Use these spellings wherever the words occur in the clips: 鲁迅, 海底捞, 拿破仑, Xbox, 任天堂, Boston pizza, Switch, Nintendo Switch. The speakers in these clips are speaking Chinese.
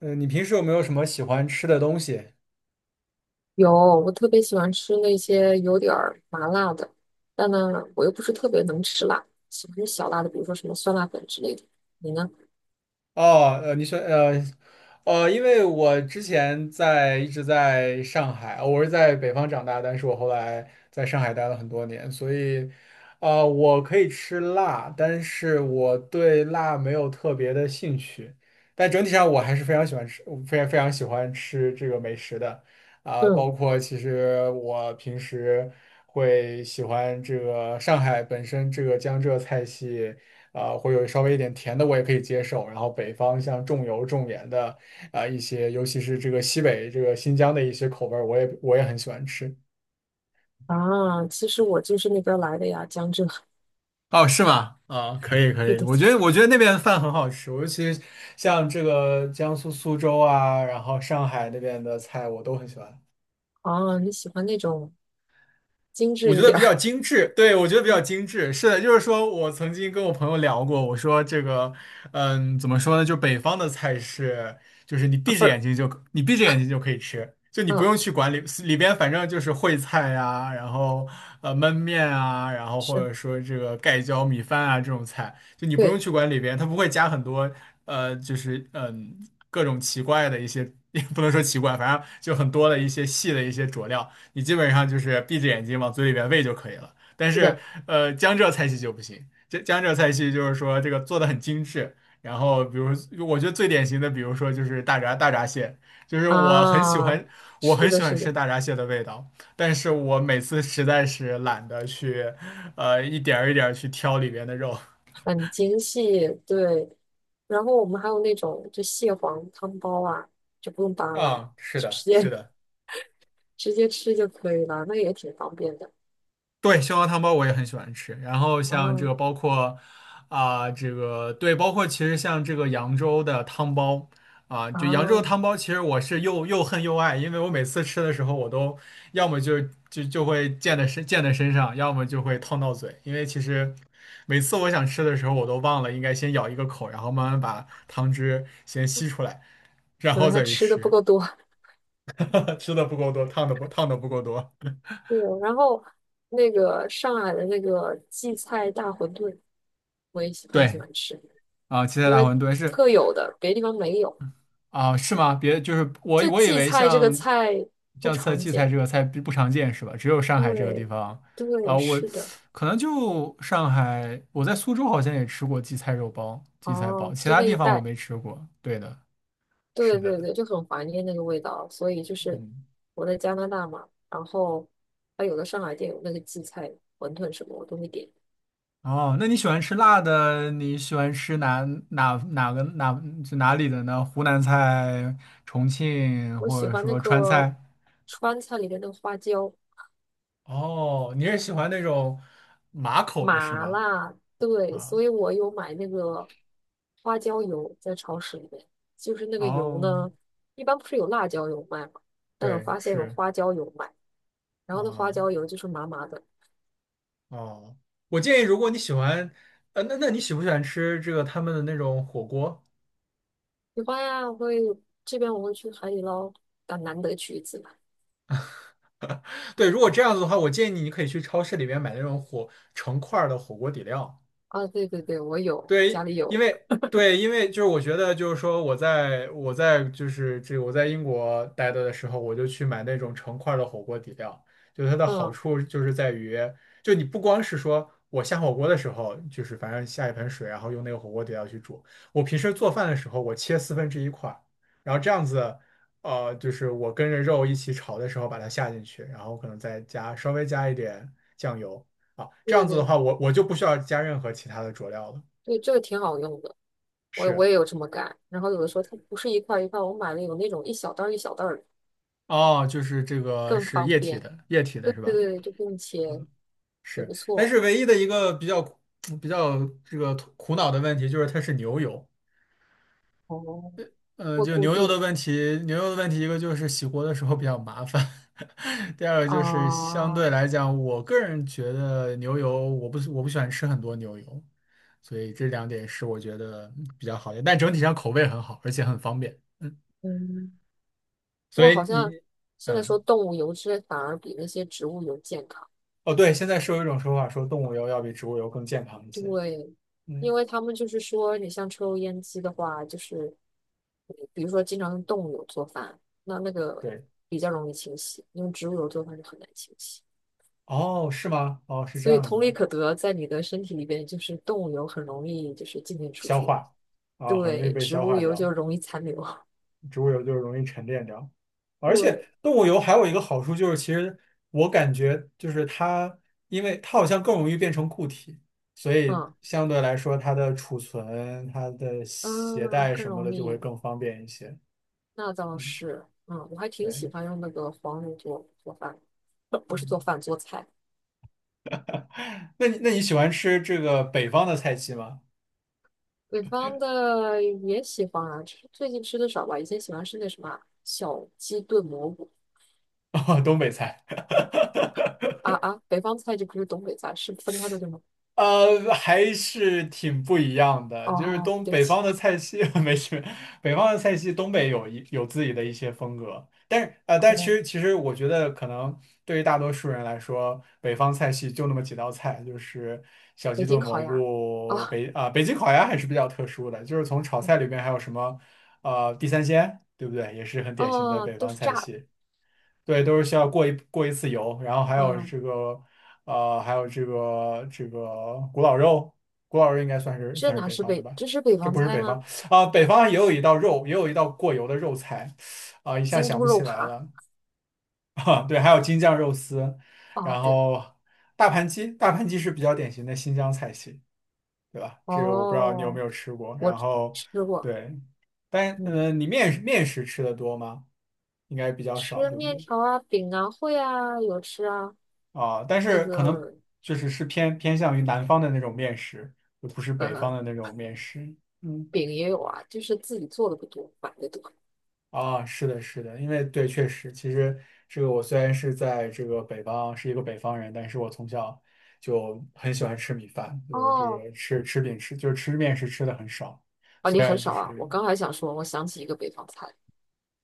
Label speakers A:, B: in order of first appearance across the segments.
A: 嗯，你平时有没有什么喜欢吃的东西？
B: 有，我特别喜欢吃那些有点儿麻辣的，但呢，我又不是特别能吃辣，喜欢吃小辣的，比如说什么酸辣粉之类的。你呢？
A: 哦，你说，因为我之前一直在上海，我是在北方长大，但是我后来在上海待了很多年，所以，我可以吃辣，但是我对辣没有特别的兴趣。但整体上，我还是非常喜欢吃，非常非常喜欢吃这个美食的。啊，
B: 嗯，
A: 包括其实我平时会喜欢这个上海本身这个江浙菜系，啊，会有稍微一点甜的我也可以接受。然后北方像重油重盐的，啊，一些尤其是这个西北这个新疆的一些口味儿，我也很喜欢吃。
B: 啊，其实我就是那边儿来的呀，江浙。
A: 哦，是吗？啊，可以可
B: 对
A: 以，
B: 对
A: 我
B: 对
A: 觉得
B: 对。
A: 我觉得那边的饭很好吃，尤其像这个江苏苏州啊，然后上海那边的菜我都很喜欢。
B: 哦，你喜欢那种精
A: 我
B: 致
A: 觉
B: 一
A: 得
B: 点
A: 比较
B: 儿，
A: 精致，对，我觉得比较 精致。是的，就是说我曾经跟我朋友聊过，我说这个，怎么说呢？就北方的菜是，就是
B: 麻份儿。
A: 你闭着眼睛就可以吃，就你不
B: 嗯，
A: 用去管理里边，反正就是烩菜呀、然后焖面啊，然后或
B: 是，
A: 者说这个盖浇米饭啊这种菜，就你不用
B: 对，
A: 去管里边，它不会加很多就是各种奇怪的一些，也不能说奇怪，反正就很多的一些细的一些佐料。你基本上就是闭着眼睛往嘴里边喂就可以了。但
B: 是
A: 是，
B: 的，
A: 江浙菜系就不行。这江浙菜系就是说这个做的很精致，然后比如我觉得最典型的，比如说就是大闸蟹，就是我很喜
B: 啊，
A: 欢，我
B: 是
A: 很
B: 的，
A: 喜欢
B: 是的，
A: 吃大闸蟹的味道，但是我每次实在是懒得去，一点儿一点儿去挑里边的肉。
B: 很精细。对，然后我们还有那种就蟹黄汤包啊，就不用扒拉，
A: 啊，是的，
B: 直
A: 是
B: 接
A: 的。
B: 直接吃就可以了，那也挺方便的。
A: 对，蟹黄汤包我也很喜欢吃。然后像这
B: 啊
A: 个包括啊、这个对，包括其实像这个
B: 啊，
A: 扬州的汤包，其实我是又恨又爱，因为我每次吃的时候，我都要么就会溅在身上，要么就会烫到嘴，因为其实每次我想吃的时候，我都忘了应该先咬一个口，然后慢慢把汤汁先吸出来，然
B: 可
A: 后
B: 能还
A: 再去
B: 吃的不
A: 吃，
B: 够多。
A: 吃的不够多，烫的不够多。
B: 对，然后那个上海的那个荠菜大馄饨，我也很喜
A: 对
B: 欢吃，
A: 啊，七彩
B: 因
A: 大
B: 为
A: 馄饨是。
B: 特有的，别的地方没有。
A: 啊，是吗？别，就是我
B: 就
A: 我以
B: 荠
A: 为
B: 菜这个
A: 像
B: 菜不常
A: 荠菜
B: 见。
A: 这个菜不常见是吧？只有上海这个地
B: 对，
A: 方啊，
B: 对，
A: 我
B: 是的。
A: 可能就上海，我在苏州好像也吃过荠菜肉包、荠菜包，
B: 哦，
A: 其
B: 就
A: 他
B: 那
A: 地
B: 一
A: 方我
B: 带，
A: 没吃过。对的，
B: 对
A: 是的，
B: 对对，就很怀念那个味道。所以就是
A: 嗯。
B: 我在加拿大嘛，然后它有的上海店有那个荠菜馄饨什么，我都会点。
A: 哦，那你喜欢吃辣的？你喜欢吃哪哪哪个哪就哪里的呢？湖南菜、重庆
B: 我
A: 或
B: 喜
A: 者
B: 欢那
A: 说川
B: 个
A: 菜？
B: 川菜里面的花椒
A: 哦，你是喜欢那种麻口的是
B: 麻
A: 吗？
B: 辣，对，
A: 啊，
B: 所以我有买那个花椒油在超市里面。就是那个油
A: 哦。
B: 呢，一般不是有辣椒油卖吗？但我
A: 对，
B: 发现有
A: 是，
B: 花椒油卖，然后那花
A: 啊、
B: 椒油就是麻麻的。
A: 哦，我建议，如果你喜欢，那你喜不喜欢吃这个他们的那种火锅？
B: 喜欢呀，这边我会去海底捞，但难得去一次吧。
A: 对，如果这样子的话，我建议你，你可以去超市里面买那种火成块儿的火锅底料，
B: 啊，对对对，我有，家
A: 对，
B: 里
A: 因
B: 有。
A: 为对，因为就是我觉得就是说我在我在就是这个我在英国待的时候，我就去买那种成块儿的火锅底料，就它的好
B: 嗯，
A: 处就是在于，就你不光是说我下火锅的时候，就是反正下一盆水，然后用那个火锅底料去煮，我平时做饭的时候，我切四分之一块儿然后这样子。就是我跟着肉一起炒的时候，把它下进去，然后可能稍微加一点酱油啊，
B: 对
A: 这样
B: 对
A: 子的
B: 对
A: 话，我就不需要加任何其他的佐料了。
B: 对，这个挺好用的。我
A: 是
B: 也有这么干。然后有的时候它不是一块儿一块儿我买了有那种一小袋儿一小袋儿的，
A: 哦，就是这个
B: 更
A: 是
B: 方
A: 液体
B: 便。
A: 的，液体
B: 对
A: 的是
B: 对
A: 吧？
B: 对，就不用切，
A: 嗯，
B: 也
A: 是。
B: 不
A: 但
B: 错。
A: 是唯一的一个比较这个苦恼的问题就是它是牛油。
B: 哦，
A: 嗯，
B: 会
A: 就
B: 固
A: 牛油的
B: 定
A: 问题，牛油的问题一个就是洗锅的时候比较麻烦，第二个就是
B: 啊，
A: 相对来讲，我个人觉得牛油我不喜欢吃很多牛油，所以这两点是我觉得比较好的，但整体上口味很好，而且很方便。嗯，
B: 嗯，不
A: 所
B: 过好
A: 以你
B: 像现在说
A: 嗯。
B: 动物油脂反而比那些植物油健康，
A: 哦，对，现在是有一种说法说动物油要比植物油更健康一些。
B: 对，
A: 嗯，
B: 因为他们就是说，你像抽油烟机的话，就是比如说经常用动物油做饭，那个
A: 对。
B: 比较容易清洗，用植物油做饭就很难清洗。
A: 哦，是吗？哦，是这
B: 所以
A: 样
B: 同理
A: 子，
B: 可得，在你的身体里边，就是动物油很容易就是进进出
A: 消
B: 出，
A: 化啊，很容易
B: 对，
A: 被
B: 植
A: 消
B: 物
A: 化
B: 油
A: 掉，
B: 就容易残留，
A: 植物油就是容易沉淀掉。而且
B: 对，
A: 动物油还有一个好处就是，其实我感觉就是它，因为它好像更容易变成固体，所以
B: 嗯
A: 相对来说它的储存、它的携
B: 嗯，
A: 带
B: 更
A: 什么的
B: 容
A: 就会
B: 易，
A: 更方便一些。
B: 那倒
A: 嗯，
B: 是，嗯，我还挺喜
A: 对，
B: 欢用那个黄油做做饭，不是做
A: 嗯，
B: 饭做菜，
A: 那你喜欢吃这个北方的菜系吗？
B: 北方的也喜欢啊，吃最近吃的少吧，以前喜欢吃那什么啊小鸡炖蘑菇
A: 哦，东北菜，
B: 啊啊，北方菜就不是东北菜，是分开的对吗？
A: 还是挺不一样的。就是
B: 哦，
A: 东
B: 对不
A: 北方
B: 起，
A: 的菜系，没事，北方的菜系，东北有自己的一些风格。但是，但是其
B: 哦，
A: 实其实我觉得，可能对于大多数人来说，北方菜系就那么几道菜，就是小
B: 北
A: 鸡
B: 京
A: 炖
B: 烤
A: 蘑
B: 鸭。
A: 菇、
B: 啊。
A: 北京烤鸭还是比较特殊的。就是从炒菜里面还有什么，地三鲜，对不对？也是很典型的
B: 哦，
A: 北
B: 都
A: 方
B: 是
A: 菜
B: 炸的，
A: 系。对，都是需要过一次油，然后
B: 嗯，
A: 还有这个古老肉，古老肉应该算是
B: 这
A: 算是
B: 哪
A: 北
B: 是
A: 方的
B: 北，
A: 吧？
B: 这是北
A: 这
B: 方
A: 不是
B: 菜
A: 北方
B: 吗？
A: 啊，北方也有一道肉，也有一道过油的肉菜，啊，一下
B: 京
A: 想
B: 都
A: 不
B: 肉
A: 起来
B: 扒
A: 了 啊。对，还有京酱肉丝，
B: 啊，
A: 然
B: 对，
A: 后大盘鸡，大盘鸡是比较典型的新疆菜系，对吧？这个我不知道你有没
B: 哦，
A: 有吃过。
B: 我
A: 然
B: 吃
A: 后
B: 吃过，
A: 对，但
B: 嗯，
A: 你面食吃的多吗？应该比较少，
B: 吃
A: 对不
B: 面
A: 对？
B: 条啊、饼啊、会啊，有吃啊，
A: 啊，但
B: 那
A: 是可能
B: 个
A: 就是偏向于南方的那种面食，而不是北方
B: 呃，
A: 的那种面食。嗯，
B: 饼也有啊，就是自己做的不多，买的多。
A: 啊，是的，是的，因为对，确实，其实这个我虽然是在这个北方，是一个北方人，但是我从小就很喜欢吃米饭，就是这
B: 哦，
A: 个吃饼吃，就是吃面食吃的很少，
B: 啊，你
A: 虽
B: 很
A: 然就
B: 少啊，我
A: 是
B: 刚还想说，我想起一个北方菜，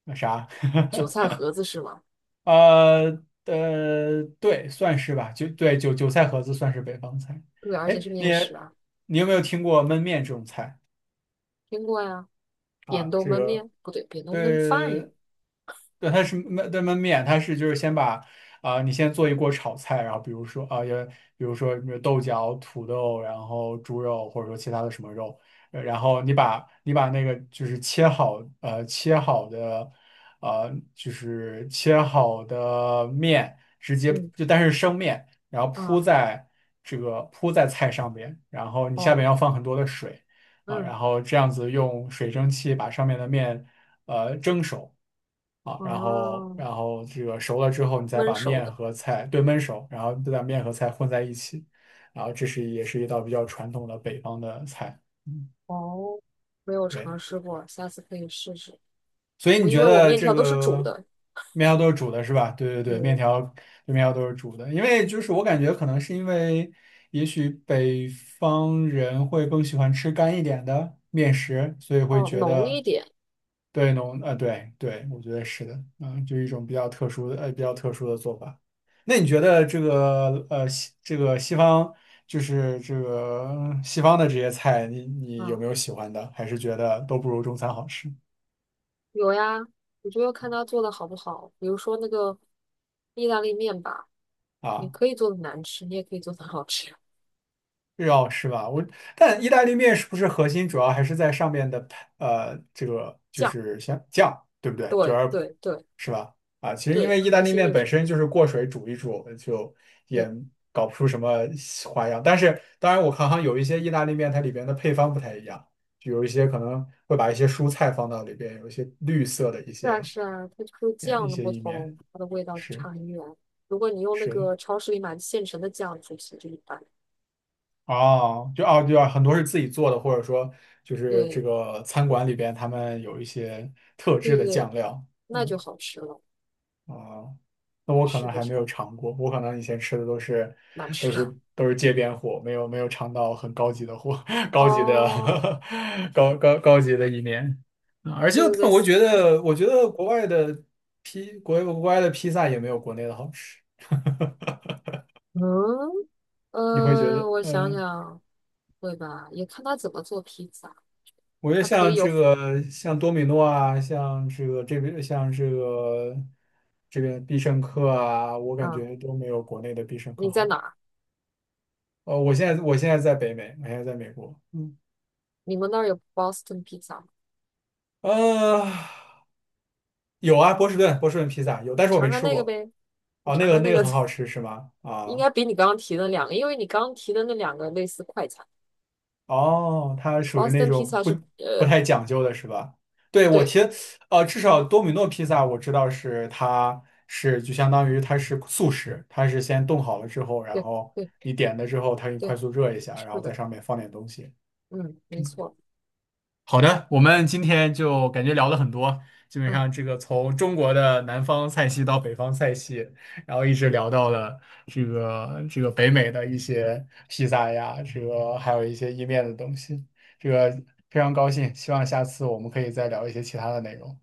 A: 那啥，
B: 韭菜盒子是吗？
A: 对，算是吧，就对，韭菜盒子算是北方菜。
B: 对，而且
A: 哎，
B: 是
A: 你
B: 面食啊，
A: 你有没有听过焖面这种菜？
B: 听过呀，扁豆焖面，不对，扁豆焖饭呀，
A: 对，对，它是焖面，它是就是先把啊、你先做一锅炒菜，然后比如说什么豆角、土豆，然后猪肉或者说其他的什么肉，然后你把那个就是切好呃切好的呃就是切好的面直接
B: 嗯
A: 就但是生面，然后
B: 啊，
A: 铺在菜上面，然后你下面
B: 哦，
A: 要放很多的水。啊，
B: 嗯，
A: 然后这样子用水蒸气把上面的面蒸熟啊，然后
B: 哦，
A: 这个熟了之后，你再
B: 焖
A: 把
B: 熟
A: 面
B: 的。
A: 和菜对焖熟，然后再把面和菜混在一起，然后这是也是一道比较传统的北方的菜。嗯，
B: 哦，没有
A: 对，
B: 尝试过，下次可以试试。
A: 所以你
B: 我因
A: 觉
B: 为我
A: 得
B: 面
A: 这
B: 条都是煮
A: 个
B: 的，
A: 面条都是煮的是吧？对对对，面
B: 嗯，
A: 条面条都是煮的，因为就是我感觉可能是因为。也许北方人会更喜欢吃干一点的面食，所以会
B: 哦，
A: 觉
B: 浓
A: 得
B: 一点
A: 对农，啊，对对，我觉得是的，就一种比较特殊的做法。那你觉得这个，西方，就是这个西方的这些菜，你有
B: 啊，
A: 没有喜欢的？还是觉得都不如中餐好吃
B: 有呀，我就要看他做的好不好。比如说那个意大利面吧，你
A: 啊？
B: 可以做的难吃，你也可以做的好吃。
A: 日料是吧？但意大利面是不是核心主要还是在上面的这个就
B: 酱，
A: 是像酱，对不对？就
B: 对
A: 要
B: 对对
A: 是吧？啊，其实因
B: 对，
A: 为意大
B: 核
A: 利
B: 心
A: 面
B: 就
A: 本
B: 是
A: 身
B: 嗯，
A: 就是过水煮一煮，就也
B: 对，
A: 搞不出什么花样。但是当然，我看好像有一些意大利面它里边的配方不太一样，就有一些可能会把一些蔬菜放到里边，有一些绿色的一
B: 是啊
A: 些
B: 是啊，它就是
A: 一
B: 酱的
A: 些
B: 不
A: 意
B: 同，
A: 面，
B: 它的味道就
A: 是
B: 差很远。如果你用那
A: 是。
B: 个超市里买的现成的酱煮其实就一般，
A: 哦，哦，对啊，很多是自己做的，或者说就是这
B: 对
A: 个餐馆里边他们有一些特制
B: 对
A: 的
B: 对，
A: 酱料，
B: 那就
A: 嗯
B: 好吃了。
A: 啊，那我可
B: 是
A: 能
B: 的。
A: 还没有尝过，我可能以前吃的
B: 哪儿去了？
A: 都是街边货，没有尝到很高级的货，高级的
B: 哦，
A: 高级的一面啊而且
B: 对对
A: 但我
B: 对，
A: 觉得国外的披萨也没有国内的好吃，
B: 嗯，
A: 你会觉得
B: 我
A: 嗯？
B: 想想，会吧，也看他怎么做披萨。
A: 我觉得
B: 它可
A: 像
B: 以
A: 这
B: 有，
A: 个，像多米诺啊，像这个这边必胜客啊，我感
B: 啊，
A: 觉都没有国内的必胜客
B: 你在
A: 好。
B: 哪儿？
A: 我现在在北美，我现在在美国。嗯，
B: 你们那儿有 Boston pizza 吗？
A: 呃，有啊，波士顿披萨有，但
B: 你
A: 是我没
B: 尝尝
A: 吃
B: 那个
A: 过。
B: 呗，你
A: 哦，
B: 尝尝
A: 那
B: 那
A: 个
B: 个，
A: 很好 吃是吗？
B: 应
A: 啊、
B: 该比你刚刚提的两个，因为你刚刚提的那两个类似快餐
A: 哦，它属于那
B: ，Boston
A: 种
B: pizza 是，
A: 不
B: 呃，
A: 太讲究的是吧？对，
B: 对
A: 至少多米诺披萨我知道是就相当于它是速食，它是先冻好了之后，然
B: 对
A: 后
B: 对
A: 你点了之后，它给你快
B: 对，
A: 速热一下，
B: 是
A: 然后在
B: 的，
A: 上面放点东西。
B: 嗯，没错，
A: 好的，我们今天就感觉聊了很多，基本
B: 嗯。
A: 上
B: 好。
A: 这个从中国的南方菜系到北方菜系，然后一直聊到了这个北美的一些披萨呀，这个还有一些意面的东西，这个非常高兴，希望下次我们可以再聊一些其他的内容。